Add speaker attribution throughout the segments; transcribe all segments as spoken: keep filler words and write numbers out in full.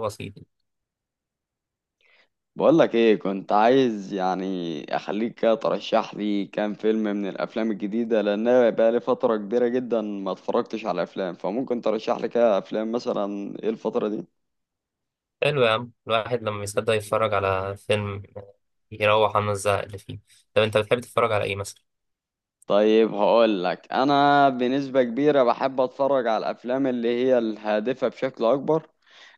Speaker 1: بسيط.
Speaker 2: بقولك ايه كنت عايز يعني اخليك كده ترشح لي كام فيلم من الافلام الجديده، لان انا بقالي فتره كبيره جدا ما اتفرجتش على افلام، فممكن ترشح لي كده افلام مثلا ايه الفتره دي.
Speaker 1: حلو يا عم، الواحد لما يصدق يتفرج على فيلم يروح عنه الزهق اللي فيه. طب انت بتحب تتفرج على ايه مثلا؟
Speaker 2: طيب هقولك، انا بنسبه كبيره بحب اتفرج على الافلام اللي هي الهادفه بشكل اكبر.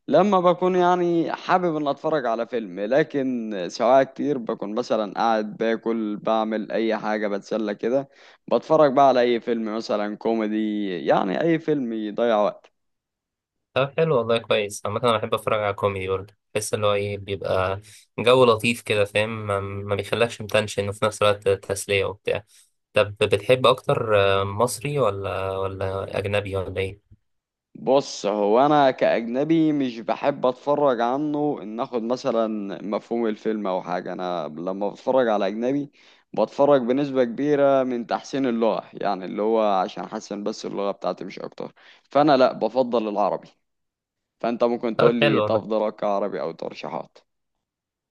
Speaker 2: لما بكون يعني حابب ان اتفرج على فيلم، لكن سواء كتير بكون مثلا قاعد باكل بعمل اي حاجة بتسلى كده، بتفرج بقى على اي فيلم مثلا كوميدي، يعني اي فيلم يضيع وقت.
Speaker 1: طب حلو والله، كويس. عامة انا بحب اتفرج على كوميدي برضه، بحس اللي هو ايه، بيبقى جو لطيف كده، فاهم، ما ما بيخلكش متنشن وفي نفس الوقت تسلية وبتاع. طب بتحب اكتر آه، مصري ولا ولا اجنبي ولا ايه؟
Speaker 2: بص، هو انا كاجنبي مش بحب اتفرج عنه ان اخد مثلا مفهوم الفيلم او حاجة. انا لما بتفرج على اجنبي بتفرج بنسبة كبيرة من تحسين اللغة، يعني اللي هو عشان احسن بس اللغة بتاعتي، مش اكتر. فانا لا، بفضل العربي، فانت ممكن تقول
Speaker 1: طب
Speaker 2: لي
Speaker 1: حلو والله.
Speaker 2: افضل اقرا عربي او ترشيحات.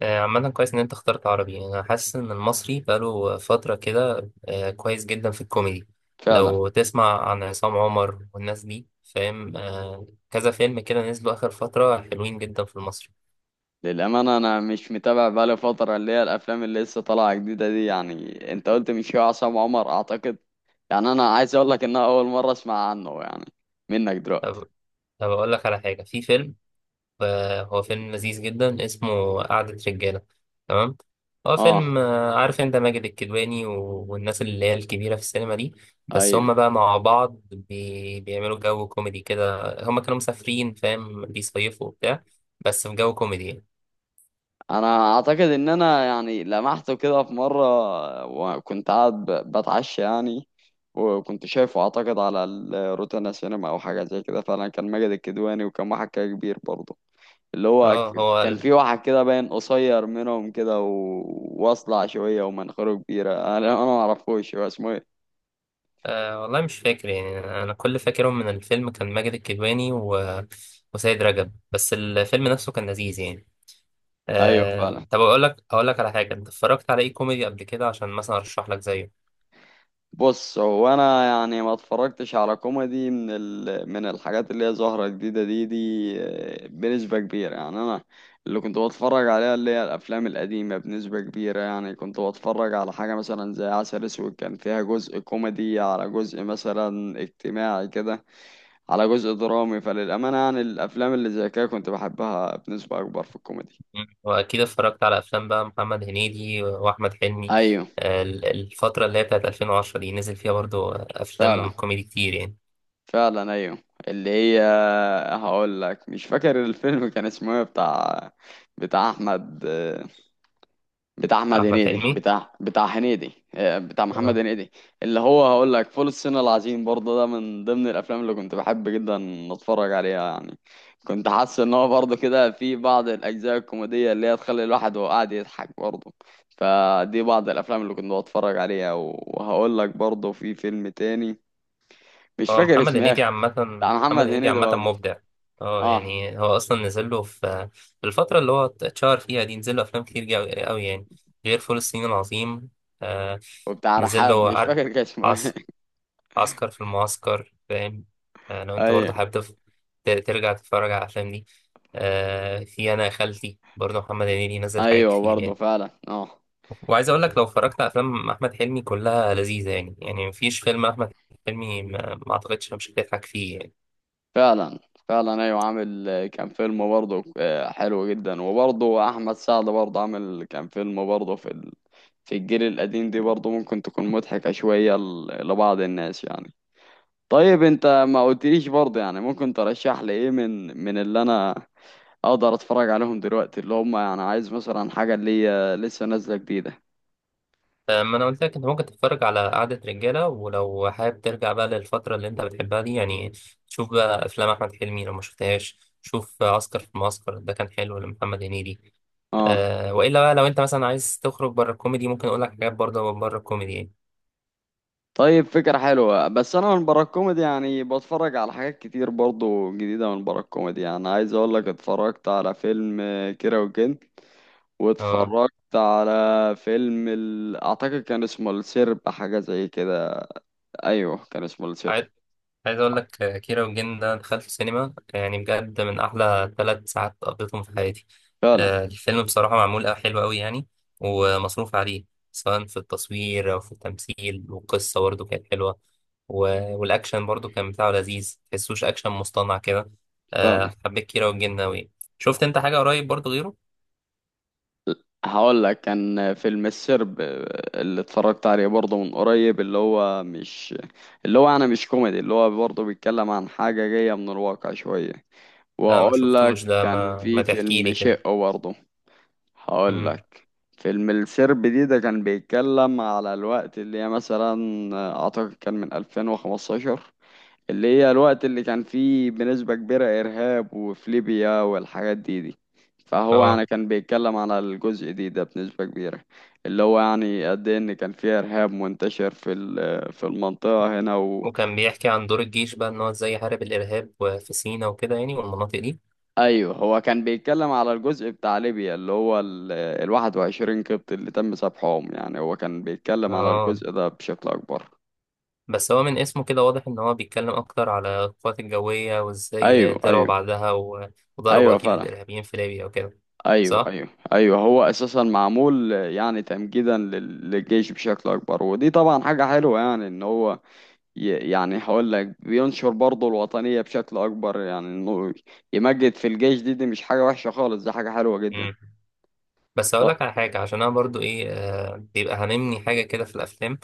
Speaker 1: آه، عامة كويس إن أنت اخترت عربي، أنا حاسس إن المصري بقاله فترة كده، آه، كويس جدا في الكوميدي.
Speaker 2: فعلا،
Speaker 1: لو تسمع عن عصام عمر والناس دي، فاهم، آه، كذا فيلم كده نزلوا آخر فترة، حلوين جدا في المصري.
Speaker 2: للامانه انا مش متابع بقالي فتره اللي هي الافلام اللي لسه طالعه جديده دي. يعني انت قلت من شويه عصام عمر اعتقد، يعني انا عايز اقول لك ان أنا اول مره اسمع عنه يعني، منك دلوقتي.
Speaker 1: طب طب أقول لك على حاجة، في فيلم، آه، هو فيلم لذيذ جدا اسمه قعدة رجالة. تمام. هو
Speaker 2: اه،
Speaker 1: فيلم، آه، عارف انت ماجد الكدواني و- والناس اللي هي الكبيرة في السينما دي. بس
Speaker 2: ايوه.
Speaker 1: هم بقى مع بعض بي... بيعملوا جو كوميدي كده. هم كانوا مسافرين، فاهم، بيصيفوا وبتاع، بس في جو كوميدي يعني.
Speaker 2: انا اعتقد ان انا يعني لمحته كده في مره، وكنت قاعد ب- بتعشى يعني، وكنت شايفه اعتقد على الروتانا سينما او حاجه زي كده. فعلا كان ماجد الكدواني وكان واحد كده كبير برضه، اللي هو
Speaker 1: اه،
Speaker 2: ك-
Speaker 1: هو
Speaker 2: كان
Speaker 1: ال...
Speaker 2: في واحد كده باين قصير منهم كده و... واصلع شوية ومناخيره كبيرة، انا انا ما اعرفوش هو اسمه ايه.
Speaker 1: آه والله مش فاكر يعني، انا كل فاكرهم من الفيلم كان ماجد الكدواني و... وسيد رجب، بس الفيلم نفسه كان لذيذ يعني.
Speaker 2: ايوه
Speaker 1: آه،
Speaker 2: فعلا.
Speaker 1: طب اقول لك اقول لك على حاجه، انت اتفرجت على ايه كوميدي قبل كده عشان مثلا ارشح لك زيه؟
Speaker 2: بص هو انا يعني ما اتفرجتش على كوميدي من ال... من الحاجات اللي هي ظاهرة جديدة دي دي. آه، بنسبة كبيرة يعني انا اللي كنت بتفرج عليها اللي هي الافلام القديمة، بنسبة كبيرة يعني كنت بتفرج على حاجة مثلا زي عسل اسود. كان فيها جزء كوميدي على جزء مثلا اجتماعي كده، على جزء درامي. فللأمانة يعني الأفلام اللي زي كده كنت بحبها بنسبة أكبر في الكوميدي.
Speaker 1: مم. واكيد اتفرجت على افلام بقى، محمد هنيدي واحمد حلمي.
Speaker 2: أيوه
Speaker 1: آه، ال- الفتره اللي هي بتاعت ألفين وعشرة دي، نزل فيها برضو آه،
Speaker 2: فعلا.
Speaker 1: افلام كوميدي كتير يعني.
Speaker 2: فعلا أيوه. اللي هي، هقول لك مش فاكر الفيلم كان اسمه إيه، بتاع بتاع أحمد، بتاع احمد
Speaker 1: احمد
Speaker 2: هنيدي،
Speaker 1: حلمي.
Speaker 2: بتاع بتاع هنيدي، آه، بتاع محمد
Speaker 1: اه.
Speaker 2: هنيدي. اللي هو هقول لك فول الصين العظيم برضه، ده من ضمن الافلام اللي كنت بحب جدا اتفرج عليها يعني. كنت حاسس ان هو برضه كده في بعض الاجزاء الكوميديه اللي هي تخلي الواحد وهو قاعد يضحك برضه. فدي بعض الافلام اللي كنت بتفرج عليها، وهقول لك برضه في فيلم تاني مش
Speaker 1: هو
Speaker 2: فاكر
Speaker 1: محمد
Speaker 2: اسمه
Speaker 1: هنيدي
Speaker 2: إيه،
Speaker 1: عامه.
Speaker 2: بتاع
Speaker 1: محمد
Speaker 2: محمد
Speaker 1: هنيدي
Speaker 2: هنيدي
Speaker 1: عامه
Speaker 2: برضه.
Speaker 1: مبدع. اه،
Speaker 2: اه،
Speaker 1: يعني هو اصلا نزل له في آه، الفتره اللي هو اتشهر فيها دي، نزل له افلام كتير جا- قوي يعني، غير فول الصين العظيم. آه،
Speaker 2: وبتاع
Speaker 1: نزل
Speaker 2: رحاب
Speaker 1: له
Speaker 2: مش
Speaker 1: عر-
Speaker 2: فاكر كان اسمه ايه.
Speaker 1: عسكر. عسكر في المعسكر، فاهم. آه، لو انت
Speaker 2: ايوه.
Speaker 1: برضه حابب تف- ت- ترجع تتفرج على الافلام دي. آه، في، انا يا خالتي، برضه محمد هنيدي نزل حاجات
Speaker 2: ايوه
Speaker 1: كتير
Speaker 2: برضه
Speaker 1: يعني.
Speaker 2: فعلا اه.
Speaker 1: وعايز اقول لك لو اتفرجت على افلام احمد حلمي كلها لذيذه، يعني يعني مفيش فيلم احمد حلمي ما, ما اعتقدش مش هتضحك فيه يعني.
Speaker 2: فعلا، فعلا ايوه. عامل آه، كان فيلم برضه آه، حلو جدا، وبرضه احمد سعد برضه عامل كان فيلم برضه في ال... في الجيل القديم دي، برضه ممكن تكون مضحكة شوية ل... لبعض الناس يعني. طيب انت ما قلتليش برضه يعني ممكن ترشح لي ايه من من اللي انا اقدر اتفرج عليهم دلوقتي، اللي هم يعني عايز مثلا حاجة اللي هي لسه نازلة جديدة.
Speaker 1: فما انا قلت لك، انت ممكن تتفرج على قعده رجاله، ولو حابب ترجع بقى للفتره اللي انت بتحبها دي يعني، شوف بقى افلام احمد حلمي لو ما شفتهاش. شوف عسكر في المعسكر، ده كان حلو لمحمد هنيدي.
Speaker 2: اه.
Speaker 1: آه والا بقى لو انت مثلا عايز تخرج بره الكوميدي، ممكن اقول لك حاجات برضه بره الكوميدي يعني.
Speaker 2: طيب فكرة حلوة، بس أنا من برا الكوميدي يعني بتفرج على حاجات كتير برضو جديدة من برا الكوميدي. يعني عايز أقول لك اتفرجت على فيلم آه، كيرة والجن،
Speaker 1: اه.
Speaker 2: واتفرجت على فيلم ال... أعتقد كان اسمه السرب، حاجة زي كده. أيوه كان اسمه السرب.
Speaker 1: عايز عايز اقول لك آه، كيرة والجن ده، دخلت السينما يعني بجد من احلى ثلاث ساعات قضيتهم في حياتي.
Speaker 2: فعلا.
Speaker 1: آه الفيلم بصراحه معمول أوي- حلو قوي يعني، ومصروف عليه، سواء في التصوير او في التمثيل، والقصه برضه كانت حلوه، و- والاكشن برضه كان بتاعه لذيذ، تحسوش اكشن مصطنع كده.
Speaker 2: فعلا
Speaker 1: آه حبيت كيرة والجن قوي. شفت انت حاجه قريب برضه غيره؟
Speaker 2: هقول لك كان فيلم السرب، آه، اللي اتفرجت عليه برضه من قريب اللي هو مش، اللي هو أنا مش كوميدي، اللي هو برضه بيتكلم عن حاجة جاية من الواقع شوية.
Speaker 1: لا، ما
Speaker 2: واقول
Speaker 1: شفتوش
Speaker 2: لك
Speaker 1: ده،
Speaker 2: كان
Speaker 1: ما ما
Speaker 2: في
Speaker 1: تحكي
Speaker 2: فيلم
Speaker 1: لي كده.
Speaker 2: شقه برضه. هقول
Speaker 1: مم.
Speaker 2: لك فيلم السرب دي ده كان بيتكلم على الوقت اللي هي مثلا اعتقد كان من ألفين وخمستاشر، اللي هي الوقت اللي كان فيه بنسبة كبيرة ارهاب وفي ليبيا والحاجات دي دي. فهو
Speaker 1: اه،
Speaker 2: يعني كان بيتكلم على الجزء دي ده بنسبة كبيرة، اللي هو يعني قد ايه ان كان فيه ارهاب منتشر في ال- في المنطقة هنا.
Speaker 1: وكان بيحكي عن دور الجيش بقى، ان هو ازاي يحارب الارهاب وفي سينا وكده يعني، والمناطق دي.
Speaker 2: ايوه، هو كان بيتكلم على الجزء بتاع ليبيا اللي هو ال ال واحد وعشرين قبط اللي تم سبحهم. يعني هو كان بيتكلم على
Speaker 1: اه،
Speaker 2: الجزء ده بشكل اكبر.
Speaker 1: بس هو من اسمه كده واضح ان هو بيتكلم اكتر على القوات الجوية، وازاي
Speaker 2: ايوه
Speaker 1: طلعوا
Speaker 2: ايوه.
Speaker 1: بعدها و- وضربوا
Speaker 2: ايوه
Speaker 1: اكيد
Speaker 2: فعلا.
Speaker 1: الارهابيين في ليبيا وكده.
Speaker 2: ايوه
Speaker 1: صح؟
Speaker 2: ايوه. ايوه، هو اساسا معمول يعني تمجيدا لل- للجيش بشكل اكبر، ودي طبعا حاجه حلوه يعني ان هو ي- يعني هقول لك بينشر برضه الوطنيه بشكل اكبر، يعني انه يمجد في الجيش. دي دي مش حاجه وحشه خالص، دي حاجه حلوه جدا.
Speaker 1: بس اقول لك على حاجه، عشان انا برضو ايه، آه، بيبقى هنمني حاجه كده في الافلام.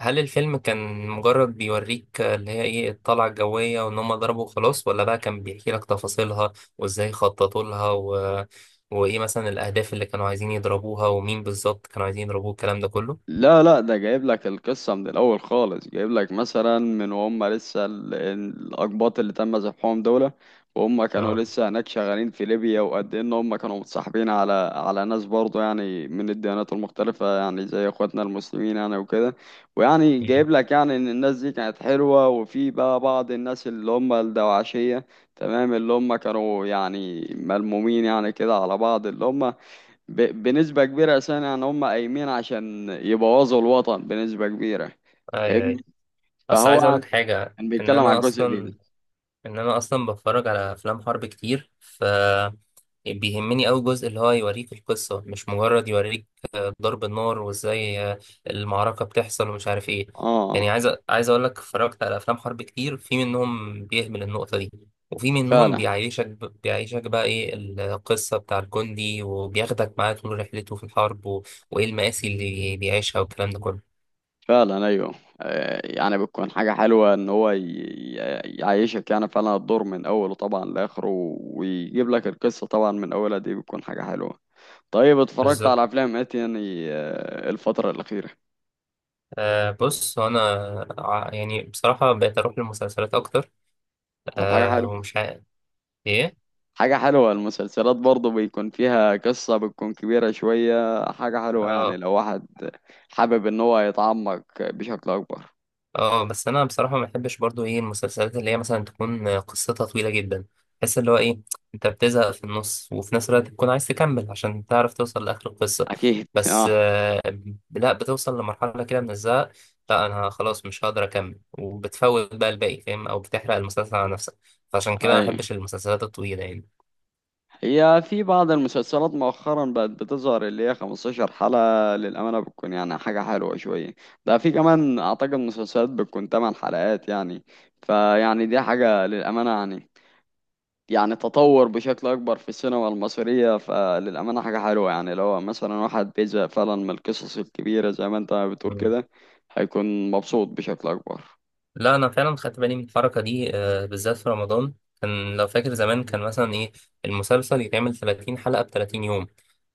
Speaker 1: هل الفيلم كان مجرد بيوريك آه، اللي هي ايه، الطلعه الجويه وان هم ضربوا خلاص، ولا بقى كان بيحكي لك تفاصيلها وازاي خططوا لها و... وايه مثلا الاهداف اللي كانوا عايزين يضربوها، ومين بالظبط كانوا عايزين يضربوه، الكلام ده كله؟
Speaker 2: لا لا، ده جايب لك القصة من الأول خالص. جايب لك مثلا من وهم لسه ال- الأقباط اللي تم ذبحهم دول، وهم كانوا
Speaker 1: اه.
Speaker 2: لسه هناك شغالين في ليبيا، وقد إيه إن هم كانوا متصاحبين على على ناس برضه يعني من الديانات المختلفة، يعني زي إخواتنا المسلمين يعني وكده. ويعني
Speaker 1: مم.
Speaker 2: جايب لك يعني إن الناس دي كانت حلوة، وفي بقى بعض الناس اللي هم الدواعشية. تمام، اللي هم كانوا يعني ملمومين يعني كده على بعض، اللي هم ب... بنسبة كبيرة أساسا يعني هم قايمين عشان يبوظوا الوطن بنسبة كبيرة.
Speaker 1: اي،
Speaker 2: فاهمني.
Speaker 1: اي. اصل
Speaker 2: فهو
Speaker 1: عايز اقول
Speaker 2: عن-
Speaker 1: لك حاجه،
Speaker 2: كان
Speaker 1: ان
Speaker 2: بيتكلم على
Speaker 1: انا
Speaker 2: الجزء ده
Speaker 1: اصلا
Speaker 2: ده.
Speaker 1: ان انا اصلا بتفرج على افلام حرب كتير، ف بيهمني أوي جزء اللي هو يوريك القصة، مش مجرد يوريك آه، ضرب النار وازاي آه، المعركة بتحصل ومش عارف ايه. يعني
Speaker 2: اه
Speaker 1: عايز أ- عايز اقول لك، اتفرجت على افلام حرب كتير، في منهم بيهمل النقطة دي، وفي منهم
Speaker 2: فعلا.
Speaker 1: بيعيشك ب- بيعيشك بقى ايه القصة بتاع الجندي، وبياخدك معاه طول رحلته في الحرب و... وايه المآسي اللي بيعيشها، والكلام ده كله.
Speaker 2: فعلا أيوه. آه، يعني بتكون حاجة حلوة إن هو ي... ي- يعيشك يعني فعلا الدور من أوله طبعا لآخره، ويجيب لك القصة طبعا من أولها. دي بتكون حاجة حلوة. طيب اتفرجت
Speaker 1: بالظبط.
Speaker 2: على أفلام إيه تاني آه، الفترة الأخيرة؟
Speaker 1: آه بص هو انا، ع- يعني بصراحة بقيت اروح للمسلسلات اكتر،
Speaker 2: طب حاجة
Speaker 1: آه
Speaker 2: حلوة.
Speaker 1: ومش عارف ايه.
Speaker 2: حاجة حلوة، المسلسلات برضه بيكون فيها قصة بتكون كبيرة شوية. حاجة حلوة يعني
Speaker 1: اه.
Speaker 2: لو واحد حابب ان هو يتعمق بشكل اكبر.
Speaker 1: اه، بس انا بصراحه ما بحبش برضو ايه المسلسلات اللي هي مثلا تكون قصتها طويله جدا، بحس اللي هو ايه، انت بتزهق في النص وفي نفس الوقت تكون عايز تكمل عشان تعرف توصل لاخر القصه.
Speaker 2: اكيد
Speaker 1: بس
Speaker 2: اه.
Speaker 1: آه لا، بتوصل لمرحله كده من الزهق، لا انا خلاص مش هقدر اكمل، وبتفوت بقى الباقي فاهم، او بتحرق المسلسل على نفسك، فعشان كده ما
Speaker 2: اي،
Speaker 1: بحبش المسلسلات الطويله
Speaker 2: هي في بعض المسلسلات مؤخرا بقت بتظهر اللي هي خمستاشر حلقة، للأمانة بتكون يعني حاجة حلوة شوية. ده في كمان أعتقد مسلسلات بتكون ثمانية حلقات يعني. فيعني دي حاجة للأمانة يعني، يعني تطور بشكل أكبر في السينما المصرية. فللأمانة حاجة حلوة يعني لو مثلا واحد بيزهق فعلا من القصص الكبيرة زي ما أنت بتقول
Speaker 1: يعني.
Speaker 2: كده، هيكون مبسوط بشكل أكبر.
Speaker 1: لا انا فعلا خدت بالي من الحركه دي، آه، بالذات في رمضان. كان لو فاكر زمان، كان مثلا ايه، المسلسل يتعمل ثلاثين حلقه ب ثلاثين يوم،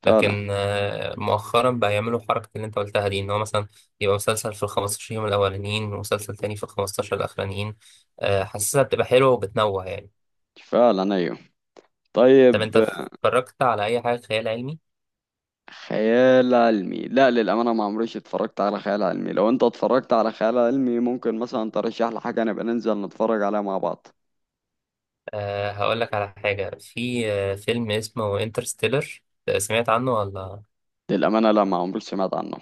Speaker 2: فعلا.
Speaker 1: لكن آه، مؤخرا بقى يعملوا حركه اللي انت قلتها دي، ان هو مثلا يبقى مسلسل في ال خمسة عشر يوم الاولانيين، ومسلسل تاني في ال خمستاشر الاخرانيين. آه، حاسسها بتبقى حلوه وبتنوع يعني.
Speaker 2: فعلا أيوه.
Speaker 1: طب
Speaker 2: طيب.
Speaker 1: انت اتفرجت على اي حاجه خيال علمي؟
Speaker 2: خيال علمي لا، للأمانة ما عمريش اتفرجت على خيال علمي. لو أنت اتفرجت على خيال علمي ممكن مثلا ترشح لي حاجة نبقى ننزل نتفرج عليها مع بعض.
Speaker 1: أه هقول لك على حاجه، في آه، فيلم اسمه انترستيلر، سمعت عنه ولا؟
Speaker 2: للأمانة لا، ما عمري سمعت عنه.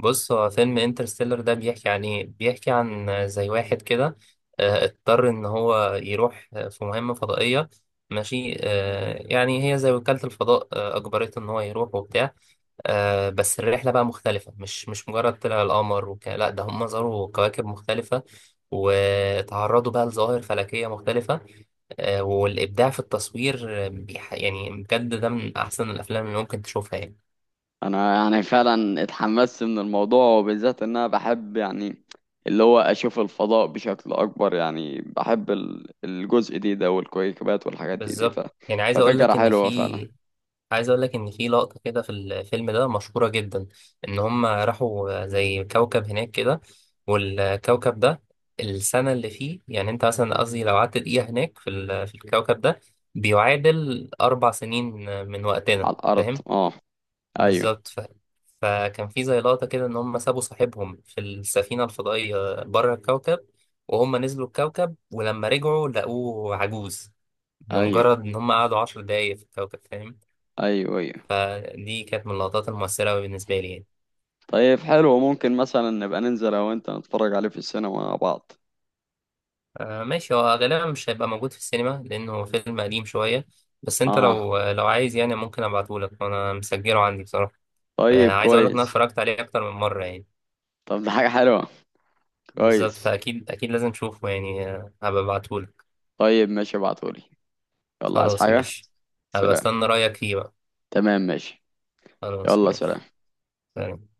Speaker 1: بص، هو فيلم انترستيلر ده بيحكي عن ايه، بيحكي عن زي واحد كده آه، اضطر ان هو يروح آه، في مهمة فضائية، ماشي، آه، يعني هي زي وكالة الفضاء، آه، اجبرته ان هو يروح وبتاع. آه، بس الرحلة بقى مختلفة، مش مش مجرد طلع القمر وك... لا، ده هم زاروا كواكب مختلفة، وتعرضوا بقى لظواهر فلكية مختلفة. آه، والإبداع في التصوير، آه، بيح... يعني بجد ده من أحسن الأفلام اللي ممكن تشوفها يعني.
Speaker 2: انا يعني فعلا اتحمست من الموضوع، وبالذات ان انا بحب يعني اللي هو اشوف الفضاء بشكل اكبر، يعني بحب ال- الجزء دي ده والكويكبات والحاجات دي دي ف...
Speaker 1: بالظبط. يعني عايز اقول
Speaker 2: ففكرة
Speaker 1: لك ان
Speaker 2: حلوة فعلا.
Speaker 1: في عايز اقول لك ان في لقطه كده في الفيلم ده مشهوره جدا، ان هم راحوا زي كوكب هناك كده، والكوكب ده، السنه اللي فيه يعني، انت مثلا، قصدي لو قعدت دقيقه هناك في ال- في الكوكب ده، بيعادل اربع سنين من وقتنا،
Speaker 2: على الارض
Speaker 1: فاهم.
Speaker 2: اه. ايوه.
Speaker 1: بالظبط ف... فكان في زي لقطه كده، ان هم سابوا صاحبهم في السفينه الفضائيه بره الكوكب، وهم نزلوا الكوكب ولما رجعوا لقوه عجوز،
Speaker 2: ايوه
Speaker 1: لمجرد ان هم قعدوا عشر دقايق في الكوكب، فاهم.
Speaker 2: ايوه. ايوه
Speaker 1: فدي كانت من اللقطات المؤثرة أوي بالنسبة لي يعني.
Speaker 2: طيب حلو، ممكن مثلا نبقى ننزل انا وانت نتفرج عليه في السينما مع بعض.
Speaker 1: آه ماشي، هو غالبا مش هيبقى موجود في السينما لأنه فيلم قديم شوية، بس أنت
Speaker 2: اه
Speaker 1: لو لو عايز يعني، ممكن أبعتهولك وأنا مسجله عندي بصراحة. آه
Speaker 2: طيب
Speaker 1: عايز أقولك إن أنا
Speaker 2: كويس.
Speaker 1: اتفرجت عليه أكتر من مرة يعني.
Speaker 2: طب ده حاجة حلوة.
Speaker 1: بالظبط،
Speaker 2: كويس.
Speaker 1: فأكيد أكيد لازم تشوفه يعني. آه، هبقى أبعتهولك.
Speaker 2: طيب ماشي ابعتهولي. يلا عايز
Speaker 1: خلاص
Speaker 2: حاجة؟
Speaker 1: ماشي. هبقى
Speaker 2: سلام.
Speaker 1: أستنى رأيك فيه بقى.
Speaker 2: تمام ماشي.
Speaker 1: خلاص
Speaker 2: يلا سلام.
Speaker 1: ماشي. سلام.